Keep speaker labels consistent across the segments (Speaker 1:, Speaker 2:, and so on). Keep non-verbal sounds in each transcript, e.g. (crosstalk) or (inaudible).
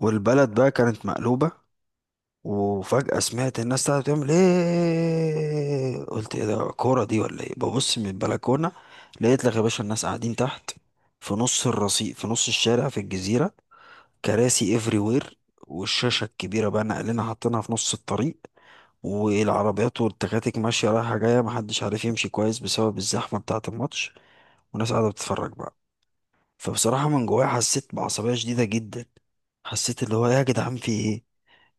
Speaker 1: والبلد بقى كانت مقلوبة. وفجأة سمعت الناس قاعدة بتعمل ايه، قلت ايه ده؟ كورة دي ولا ايه؟ ببص من البلكونة لقيت لك يا باشا الناس قاعدين تحت، في نص الرصيف، في نص الشارع، في الجزيرة، كراسي افري وير، والشاشة الكبيرة بقى ناقلينها حاطينها في نص الطريق، والعربيات والتكاتك ماشية رايحة جاية، محدش عارف يمشي كويس بسبب الزحمة بتاعة الماتش، والناس قاعدة بتتفرج بقى. فبصراحة من جوايا حسيت بعصبية شديدة جدا. حسيت اللي هو إيه، يا جدعان في ايه،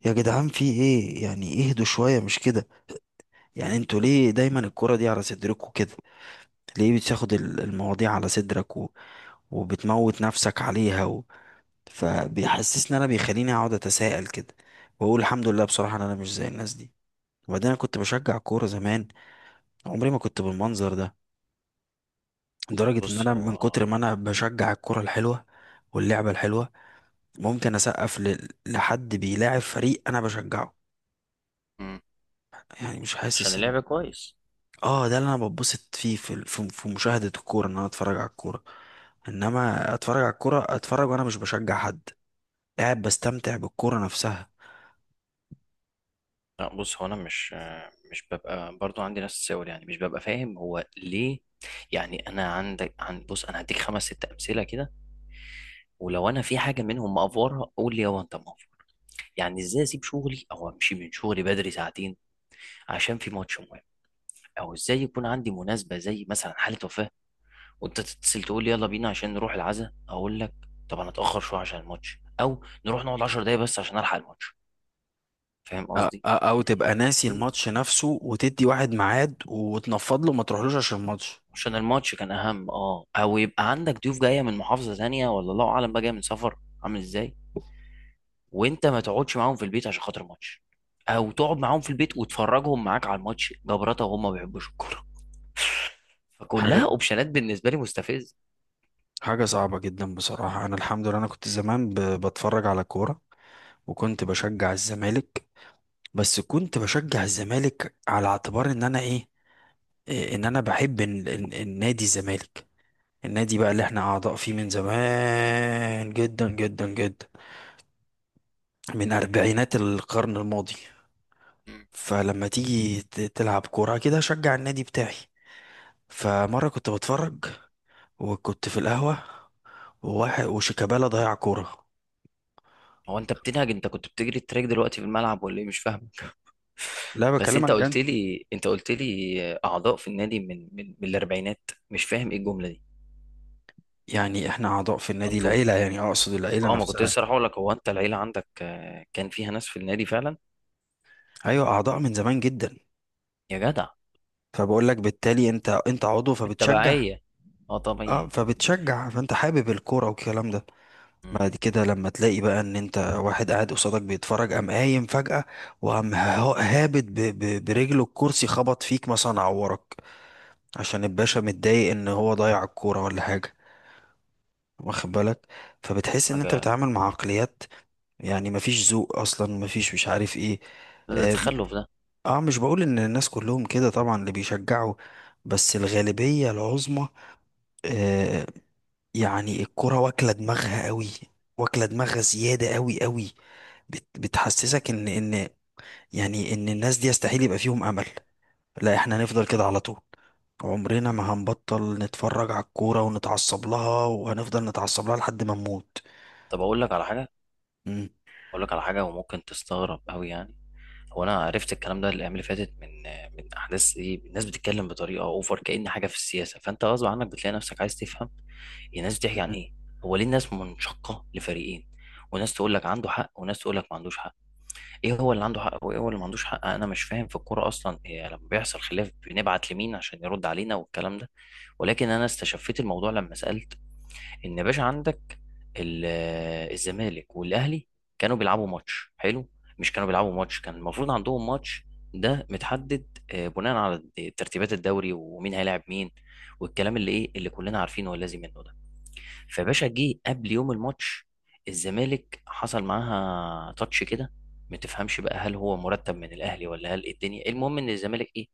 Speaker 1: يا جدعان في ايه؟ يعني اهدوا شوية، مش كده؟ يعني انتوا ليه دايما الكرة دي على صدركوا كده؟ ليه بتاخد المواضيع على صدرك وبتموت نفسك عليها فبيحسسني بيخليني اقعد اتساءل كده، واقول الحمد لله بصراحة ان انا مش زي الناس دي. وبعدين انا كنت بشجع الكورة زمان، عمري ما كنت بالمنظر ده، لدرجة ان
Speaker 2: بص
Speaker 1: انا من
Speaker 2: هو.
Speaker 1: كتر ما انا بشجع الكرة الحلوة واللعبة الحلوة ممكن اسقف لحد بيلاعب فريق انا بشجعه.
Speaker 2: مم.
Speaker 1: يعني مش
Speaker 2: عشان
Speaker 1: حاسس ان
Speaker 2: اللعب كويس.
Speaker 1: اه، ده اللي انا بتبسط فيه في مشاهدة الكورة، ان انا اتفرج على الكورة. انما اتفرج على الكورة، اتفرج وانا مش بشجع حد، قاعد بستمتع بالكورة نفسها.
Speaker 2: لا، بص، هو انا مش ببقى برضو عندي نفس السؤال، يعني مش ببقى فاهم هو ليه. يعني انا عندك عن، بص، انا هديك خمس ست امثله كده، ولو انا في حاجه منهم مقفورها قول لي هو انت مقفور. يعني ازاي اسيب شغلي او امشي من شغلي بدري ساعتين عشان في ماتش مهم؟ او ازاي يكون عندي مناسبه زي مثلا حاله وفاه، وانت تتصل تقول لي يلا بينا عشان نروح العزاء، اقول لك طب انا اتاخر شويه عشان الماتش، او نروح نقعد 10 دقايق بس عشان الحق الماتش. فاهم قصدي؟
Speaker 1: او تبقى ناسي
Speaker 2: إيه؟
Speaker 1: الماتش نفسه وتدي واحد ميعاد وتنفض له، ما تروحلوش عشان الماتش.
Speaker 2: عشان الماتش كان اهم، او يبقى عندك ضيوف جايه من محافظه تانية، ولا الله اعلم بقى جايه من سفر عامل ازاي، وانت ما تقعدش معاهم في البيت عشان خاطر ماتش، او تقعد معاهم في البيت وتفرجهم معاك على الماتش جبرته وهم ما بيحبوش الكوره. فكلها
Speaker 1: حاجة،
Speaker 2: اوبشنات بالنسبه لي مستفز.
Speaker 1: حاجة صعبة جدا بصراحة. انا الحمد لله انا كنت زمان بتفرج على كورة، وكنت بشجع الزمالك. بس كنت بشجع الزمالك على اعتبار ان انا ايه، إيه، ان انا بحب النادي الزمالك. النادي بقى اللي احنا اعضاء فيه من زمان جدا جدا جدا، من اربعينات القرن الماضي. فلما تيجي تلعب كورة كده، شجع النادي بتاعي. فمرة كنت بتفرج وكنت في القهوة، وواحد وشيكابالا ضيع كورة.
Speaker 2: هو انت بتنهج؟ انت كنت بتجري التراك دلوقتي في الملعب ولا ايه؟ مش فاهم.
Speaker 1: لا
Speaker 2: بس
Speaker 1: بكلمك
Speaker 2: انت
Speaker 1: جد.
Speaker 2: قلت لي، انت قلت لي اعضاء في النادي من الاربعينات، مش فاهم ايه الجمله دي.
Speaker 1: يعني احنا اعضاء في النادي،
Speaker 2: انتوا،
Speaker 1: العيلة، يعني اقصد العيلة
Speaker 2: اه، ما كنت
Speaker 1: نفسها.
Speaker 2: لسه رايح اقول لك، هو انت العيله عندك كان فيها ناس في النادي فعلا؟
Speaker 1: ايوه اعضاء من زمان جدا.
Speaker 2: يا جدع.
Speaker 1: فبقول لك بالتالي انت، عضو فبتشجع.
Speaker 2: التبعية، اه
Speaker 1: اه
Speaker 2: طبيعي.
Speaker 1: فبتشجع، فانت حابب الكورة والكلام ده.
Speaker 2: مم.
Speaker 1: بعد كده لما تلاقي بقى ان انت واحد قاعد قصادك بيتفرج، قام قايم فجأة، وقام هابط برجله الكرسي، خبط فيك مثلا، عورك، عشان الباشا متضايق ان هو ضيع الكورة ولا حاجة. واخد بالك؟ فبتحس ان انت
Speaker 2: حاجة.
Speaker 1: بتتعامل مع عقليات. يعني مفيش ذوق اصلا، مفيش مش عارف ايه.
Speaker 2: ده
Speaker 1: اه.
Speaker 2: تخلف ده.
Speaker 1: آه، مش بقول ان الناس كلهم كده طبعا اللي بيشجعوا، بس الغالبية العظمى. آه، يعني الكرة واكلة دماغها قوي، واكلة دماغها زيادة قوي قوي. بتحسسك ان ان يعني ان الناس دي يستحيل يبقى فيهم امل. لا، احنا هنفضل كده على طول، عمرنا
Speaker 2: مم.
Speaker 1: ما هنبطل نتفرج على الكورة ونتعصب لها، وهنفضل نتعصب لها لحد ما نموت.
Speaker 2: طب أقول لك على حاجة.
Speaker 1: مم.
Speaker 2: أقول لك على حاجة وممكن تستغرب أوي يعني. هو أنا عرفت الكلام ده الأيام اللي فاتت، من من أحداث إيه الناس بتتكلم بطريقة أوفر كأن حاجة في السياسة، فأنت غصب عنك بتلاقي نفسك عايز تفهم هي الناس بتحكي عن إيه، هو ليه الناس منشقة لفريقين، وناس تقول لك عنده حق وناس تقول لك ما عندوش حق. ايه هو اللي عنده حق وايه هو اللي ما عندوش حق؟ انا مش فاهم في الكوره اصلا. إيه لما بيحصل خلاف بنبعت لمين عشان يرد علينا والكلام ده؟ ولكن انا استشفيت الموضوع لما سالت. ان يا باشا عندك ال- الزمالك والاهلي كانوا بيلعبوا ماتش حلو. مش كانوا بيلعبوا ماتش، كان المفروض عندهم ماتش. ده متحدد بناء على ترتيبات الدوري ومين هيلاعب مين والكلام اللي ايه اللي كلنا عارفينه واللازم منه ده. فباشا جه قبل يوم الماتش، الزمالك حصل معاها تاتش كده، ما تفهمش بقى هل هو مرتب من الاهلي ولا هل إيه الدنيا، المهم ان الزمالك ايه،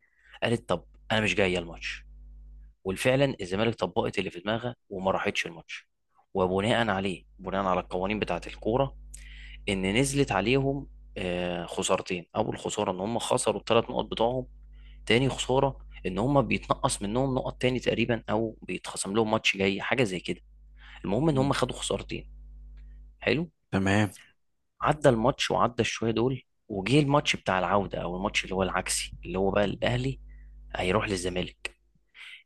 Speaker 2: قالت طب انا مش جايه الماتش. وفعلا الزمالك طبقت اللي في دماغها وما راحتش الماتش. وبناء عليه، بناء على القوانين بتاعه الكوره، ان نزلت عليهم خسارتين. اول خساره ان هم خسروا الثلاث نقط بتوعهم. تاني خساره ان هم بيتنقص منهم نقط تاني تقريبا، او بيتخصم لهم ماتش جاي حاجه زي كده. المهم ان
Speaker 1: مم.
Speaker 2: هم خدوا خسارتين. حلو.
Speaker 1: تمام.
Speaker 2: عدى الماتش وعدى الشويه دول، وجه الماتش بتاع العوده، او الماتش اللي هو العكسي اللي هو بقى الاهلي هيروح للزمالك.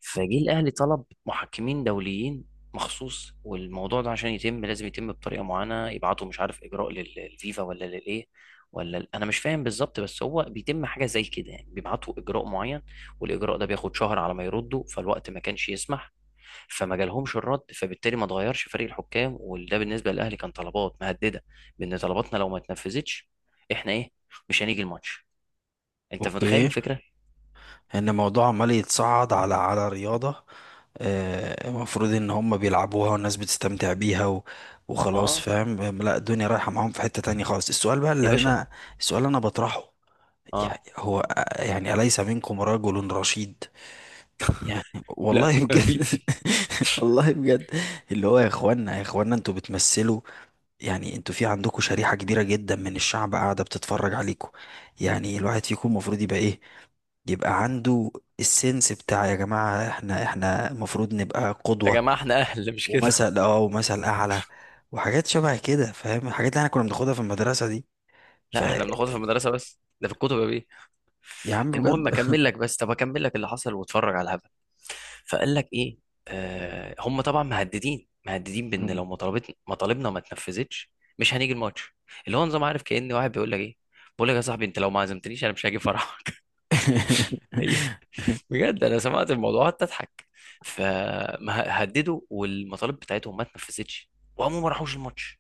Speaker 2: فجه الاهلي طلب محكمين دوليين مخصوص، والموضوع ده عشان يتم لازم يتم بطريقه معينه، يبعتوا مش عارف اجراء للفيفا ولا للايه، ولا انا مش فاهم بالظبط، بس هو بيتم حاجه زي كده. يعني بيبعتوا اجراء معين، والاجراء ده بياخد شهر على ما يردوا، فالوقت ما كانش يسمح. فما جالهمش الرد، فبالتالي ما اتغيرش فريق الحكام، وده بالنسبه للاهلي كان طلبات مهدده بان طلباتنا لو ما اتنفذتش احنا ايه، مش هنيجي الماتش. انت متخيل
Speaker 1: اوكي.
Speaker 2: الفكره؟
Speaker 1: ان الموضوع عمال يتصعد على على رياضة. آه، المفروض ان هم بيلعبوها والناس بتستمتع بيها وخلاص،
Speaker 2: اه
Speaker 1: فاهم. آم، لا، الدنيا رايحة معاهم في حتة تانية خالص.
Speaker 2: يا باشا.
Speaker 1: السؤال اللي انا بطرحه،
Speaker 2: اه.
Speaker 1: يعني هو آه، يعني أليس منكم رجل رشيد؟ يعني
Speaker 2: لا
Speaker 1: والله بجد.
Speaker 2: مفيش.
Speaker 1: (laughs) والله بجد. اللي هو يا اخوانا، يا اخوانا انتوا بتمثلوا، يعني انتوا في عندكم شريحة كبيرة جدا من الشعب قاعدة بتتفرج عليكم. يعني الواحد فيكم المفروض يبقى ايه، يبقى عنده السنس بتاع يا جماعة احنا، احنا المفروض نبقى
Speaker 2: يا
Speaker 1: قدوة
Speaker 2: جماعه احنا اهل مش كده.
Speaker 1: ومثل اه ومثل اعلى وحاجات شبه كده. فاهم الحاجات اللي احنا كنا بناخدها في المدرسة دي؟
Speaker 2: (laughs) لا
Speaker 1: فيا
Speaker 2: احنا بناخدها في المدرسه، بس ده في الكتب يا بيه.
Speaker 1: عم بجد.
Speaker 2: المهم
Speaker 1: (laughs)
Speaker 2: اكمل لك بس، طب اكمل لك اللي حصل واتفرج على الهبل. فقال لك ايه؟ هم طبعا مهددين مهددين بان
Speaker 1: مم.
Speaker 2: لو مطالبنا ما اتنفذتش مش هنيجي الماتش. اللي هو نظام، عارف، كأن واحد بيقول لك ايه، بقول لك يا صاحبي انت لو ما عزمتنيش انا مش هاجي فرحك.
Speaker 1: (laughs)
Speaker 2: (laughs) هي، بجد انا سمعت الموضوع قعدت اضحك. فهددوا، والمطالب بتاعتهم ما اتنفذتش، وهم ما راحوش الماتش.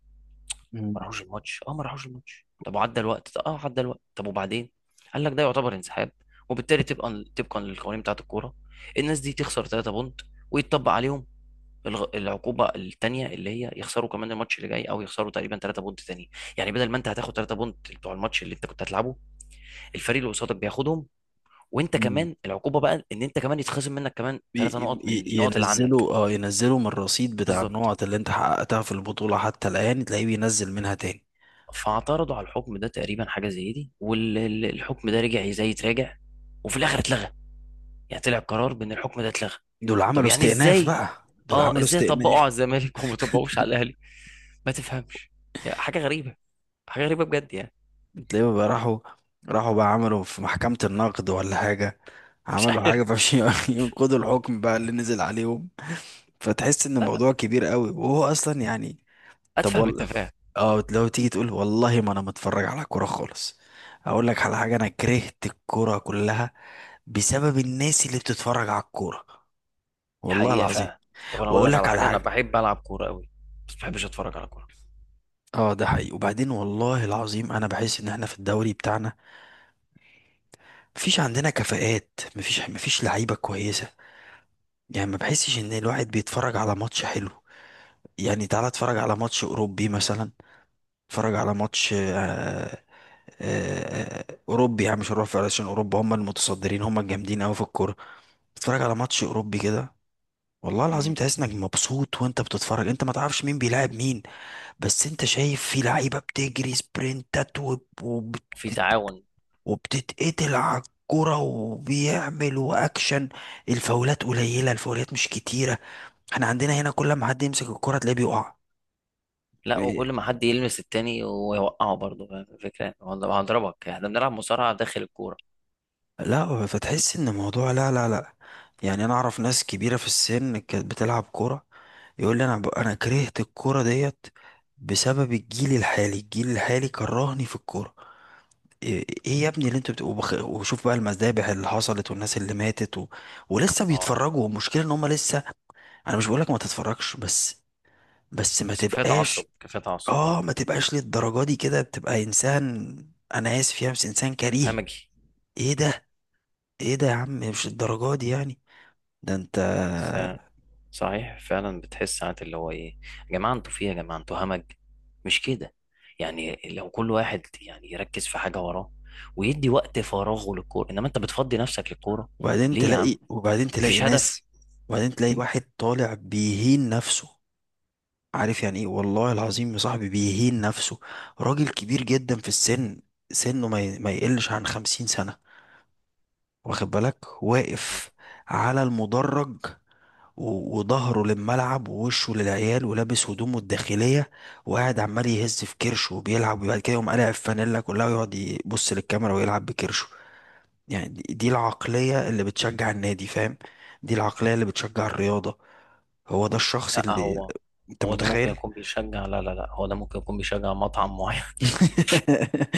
Speaker 1: مم.
Speaker 2: ما راحوش الماتش، اه ما راحوش الماتش، طب وعدى الوقت، اه عدى الوقت، طب وبعدين؟ قال لك ده يعتبر انسحاب، وبالتالي تبقى طبقا للقوانين بتاعه الكوره الناس دي تخسر 3 بونت، ويتطبق عليهم العقوبه الثانيه اللي هي يخسروا كمان الماتش اللي جاي، او يخسروا تقريبا 3 بونت تاني. يعني بدل ما انت هتاخد 3 بونت بتوع الماتش اللي انت كنت هتلعبه، الفريق اللي قصادك بياخدهم، وانت
Speaker 1: مم.
Speaker 2: كمان العقوبه بقى ان انت كمان يتخصم منك كمان 3 نقط من النقط اللي عندك.
Speaker 1: ينزلوا، اه ينزلوا من الرصيد بتاع
Speaker 2: بالظبط.
Speaker 1: النقط اللي انت حققتها في البطولة حتى الآن، تلاقيه بينزل منها تاني.
Speaker 2: فاعترضوا على الحكم ده تقريبا، حاجه زي دي، والحكم ده رجع زي تراجع، وفي الاخر اتلغى. يعني طلع قرار بان الحكم ده اتلغى. طب يعني ازاي؟
Speaker 1: دول
Speaker 2: اه
Speaker 1: عملوا
Speaker 2: ازاي طبقوا على
Speaker 1: استئناف.
Speaker 2: الزمالك وما طبقوش على الاهلي؟ ما تفهمش. يعني حاجه غريبه، حاجه غريبه بجد يعني.
Speaker 1: تلاقيهم بقى راحوا، راحوا بقى عملوا في محكمة النقد ولا حاجة،
Speaker 2: (laughs) مش
Speaker 1: عملوا
Speaker 2: عارف.
Speaker 1: حاجة فعشان (laughs) ينقضوا الحكم بقى اللي نزل عليهم. فتحس ان
Speaker 2: لا
Speaker 1: الموضوع كبير قوي وهو اصلا يعني. طب
Speaker 2: اتفهم
Speaker 1: والله،
Speaker 2: التفاهه.
Speaker 1: اه، لو تيجي تقول والله ما انا متفرج على كورة خالص، اقول لك على حاجة: انا كرهت الكورة كلها بسبب الناس اللي بتتفرج على الكورة.
Speaker 2: دي
Speaker 1: والله
Speaker 2: حقيقه
Speaker 1: العظيم.
Speaker 2: فعلا. طب انا اقول
Speaker 1: واقول
Speaker 2: لك
Speaker 1: لك
Speaker 2: على
Speaker 1: على
Speaker 2: حاجه، انا
Speaker 1: حاجة.
Speaker 2: بحب العب كوره قوي، بس ما بحبش اتفرج على كوره.
Speaker 1: اه ده حقيقي. وبعدين والله العظيم انا بحس ان احنا في الدوري بتاعنا مفيش عندنا كفاءات، مفيش لعيبة كويسة. يعني ما بحسش ان الواحد بيتفرج على ماتش حلو. يعني تعالى اتفرج على ماتش اوروبي مثلا. اتفرج على ماتش اوروبي. يعني مش هنروح، عشان اوروبا هم المتصدرين، هم الجامدين قوي في الكوره. اتفرج على ماتش اوروبي كده، والله العظيم
Speaker 2: امم.
Speaker 1: تحس انك مبسوط وانت بتتفرج. انت ما تعرفش مين بيلاعب مين، بس انت شايف في لعيبه بتجري سبرنتات
Speaker 2: وفي تعاون.
Speaker 1: وبتتقتل على الكرة وبيعمل واكشن. الفاولات قليله، الفاولات مش كتيره. احنا عندنا هنا كل ما حد يمسك الكرة تلاقيه بيقع.
Speaker 2: لا،
Speaker 1: إيه،
Speaker 2: وكل ما حد يلمس التاني ويوقعه برضه، فاهم الفكره يعني؟ والله هضربك، احنا بنلعب مصارعه داخل الكوره.
Speaker 1: لا فتحس ان الموضوع، لا يعني، انا اعرف ناس كبيرة في السن كانت بتلعب كرة، يقول لي انا انا كرهت الكرة ديت بسبب الجيل الحالي. الجيل الحالي كرهني في الكورة. ايه، إيه يا ابني اللي انتوا بتبقوا وشوف بقى المذابح اللي حصلت والناس اللي ماتت ولسه
Speaker 2: اه.
Speaker 1: بيتفرجوا. والمشكلة ان هم لسه. انا مش بقولك ما تتفرجش، بس بس ما
Speaker 2: بس كفايه
Speaker 1: تبقاش.
Speaker 2: تعصب، كفايه تعصب. اه
Speaker 1: اه، ما تبقاش للدرجة دي كده، بتبقى انسان، انا اسف يا بس، انسان كريه.
Speaker 2: همجي.
Speaker 1: ايه ده؟ ايه ده يا عم؟ مش الدرجات دي يعني. ده انت،
Speaker 2: س- صحيح فعلا، بتحس ساعات اللي هو ايه، يا جماعه انتوا في إيه، يا جماعه انتوا همج، مش كده؟ يعني لو كل واحد يعني يركز في حاجه وراه ويدي وقت فراغه للكوره، انما انت بتفضي نفسك للكوره
Speaker 1: وبعدين
Speaker 2: ليه يا
Speaker 1: تلاقي،
Speaker 2: عم؟
Speaker 1: وبعدين تلاقي
Speaker 2: مفيش هدف.
Speaker 1: ناس، وبعدين تلاقي واحد طالع بيهين نفسه. عارف يعني ايه والله العظيم يا صاحبي بيهين نفسه؟ راجل كبير جدا في السن، سنه ما ما يقلش عن خمسين سنة، واخد بالك،
Speaker 2: م.
Speaker 1: واقف على المدرج وظهره للملعب ووشه للعيال، ولابس هدومه الداخلية، وقاعد عمال يهز في كرشه وبيلعب، وبعد كده يقوم قالع الفانيلا كلها، ويقعد يبص للكاميرا ويلعب بكرشه. يعني دي العقلية اللي بتشجع النادي، فاهم؟ دي العقلية اللي بتشجع الرياضة. هو ده الشخص
Speaker 2: لا
Speaker 1: اللي،
Speaker 2: هو،
Speaker 1: انت
Speaker 2: هو ده ممكن
Speaker 1: متخيل؟
Speaker 2: يكون بيشجع، لا لا لا، هو ده ممكن يكون بيشجع مطعم معين،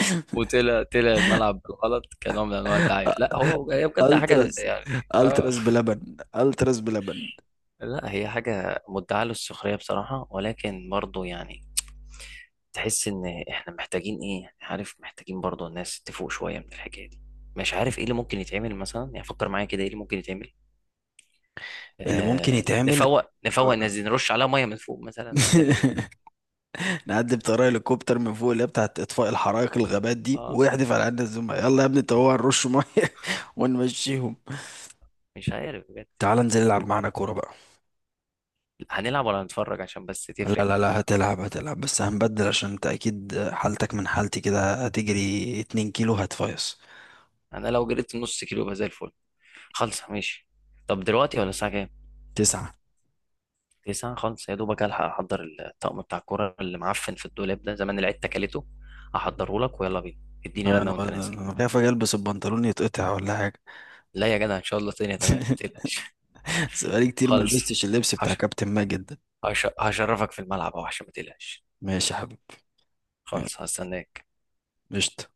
Speaker 2: (laughs) وطلع طلع الملعب بالغلط كنوع من انواع الدعايه. لا هو هي بجد حاجه
Speaker 1: التراس،
Speaker 2: يعني،
Speaker 1: التراس بلبن.
Speaker 2: لا هي حاجة مدعاة للسخرية بصراحة. ولكن برضو يعني تحس ان احنا محتاجين ايه يعني، عارف، محتاجين برضو الناس تفوق شوية من الحكاية دي. مش عارف ايه اللي ممكن يتعمل مثلا، يعني فكر معايا كده ايه اللي ممكن يتعمل.
Speaker 1: اللي ممكن يتعمل،
Speaker 2: نفوق نفوق
Speaker 1: ك-
Speaker 2: الناس دي، نرش عليها مية من فوق مثلا؟ وهنعمل ايه؟
Speaker 1: (laughs) نعدي بطريقه هليكوبتر من فوق، اللي هي بتاعت اطفاء الحرائق الغابات دي،
Speaker 2: اه.
Speaker 1: ويحدف على عيننا الزملاء، يلا يا ابني طوع نرش ميه. (laughs) ونمشيهم.
Speaker 2: مش عارف بجد
Speaker 1: تعال
Speaker 2: يعني.
Speaker 1: انزل العب معانا كوره بقى.
Speaker 2: هنلعب ولا هنتفرج؟ عشان بس
Speaker 1: لا
Speaker 2: تفرق.
Speaker 1: لا لا هتلعب، هتلعب. بس هنبدل، عشان انت اكيد حالتك من حالتي كده، هتجري 2 كيلو هتفيص.
Speaker 2: انا لو جريت نص كيلو يبقى زي الفل. خالصة، ماشي. طب دلوقتي، ولا الساعة كام؟
Speaker 1: تسعة.
Speaker 2: لسان خالص، يا دوبك الحق احضر الطقم بتاع الكوره اللي معفن في الدولاب ده، زمان العيد تكلته. احضره لك ويلا بينا. اديني رنه
Speaker 1: انا
Speaker 2: وانت نازل.
Speaker 1: انا خايف اجي البس البنطلون يتقطع ولا حاجه.
Speaker 2: لا يا جدع، ان شاء الله الدنيا تمام، ما
Speaker 1: (laughs)
Speaker 2: تقلقش.
Speaker 1: بس بقالي كتير ما
Speaker 2: خالص.
Speaker 1: لبستش اللبس بتاع
Speaker 2: هش...
Speaker 1: كابتن ماجد ده.
Speaker 2: هشرفك في الملعب اهو، عشان ما تقلقش.
Speaker 1: ماشي يا حبيبي. يلا.
Speaker 2: خالص، هستناك.
Speaker 1: قشطة.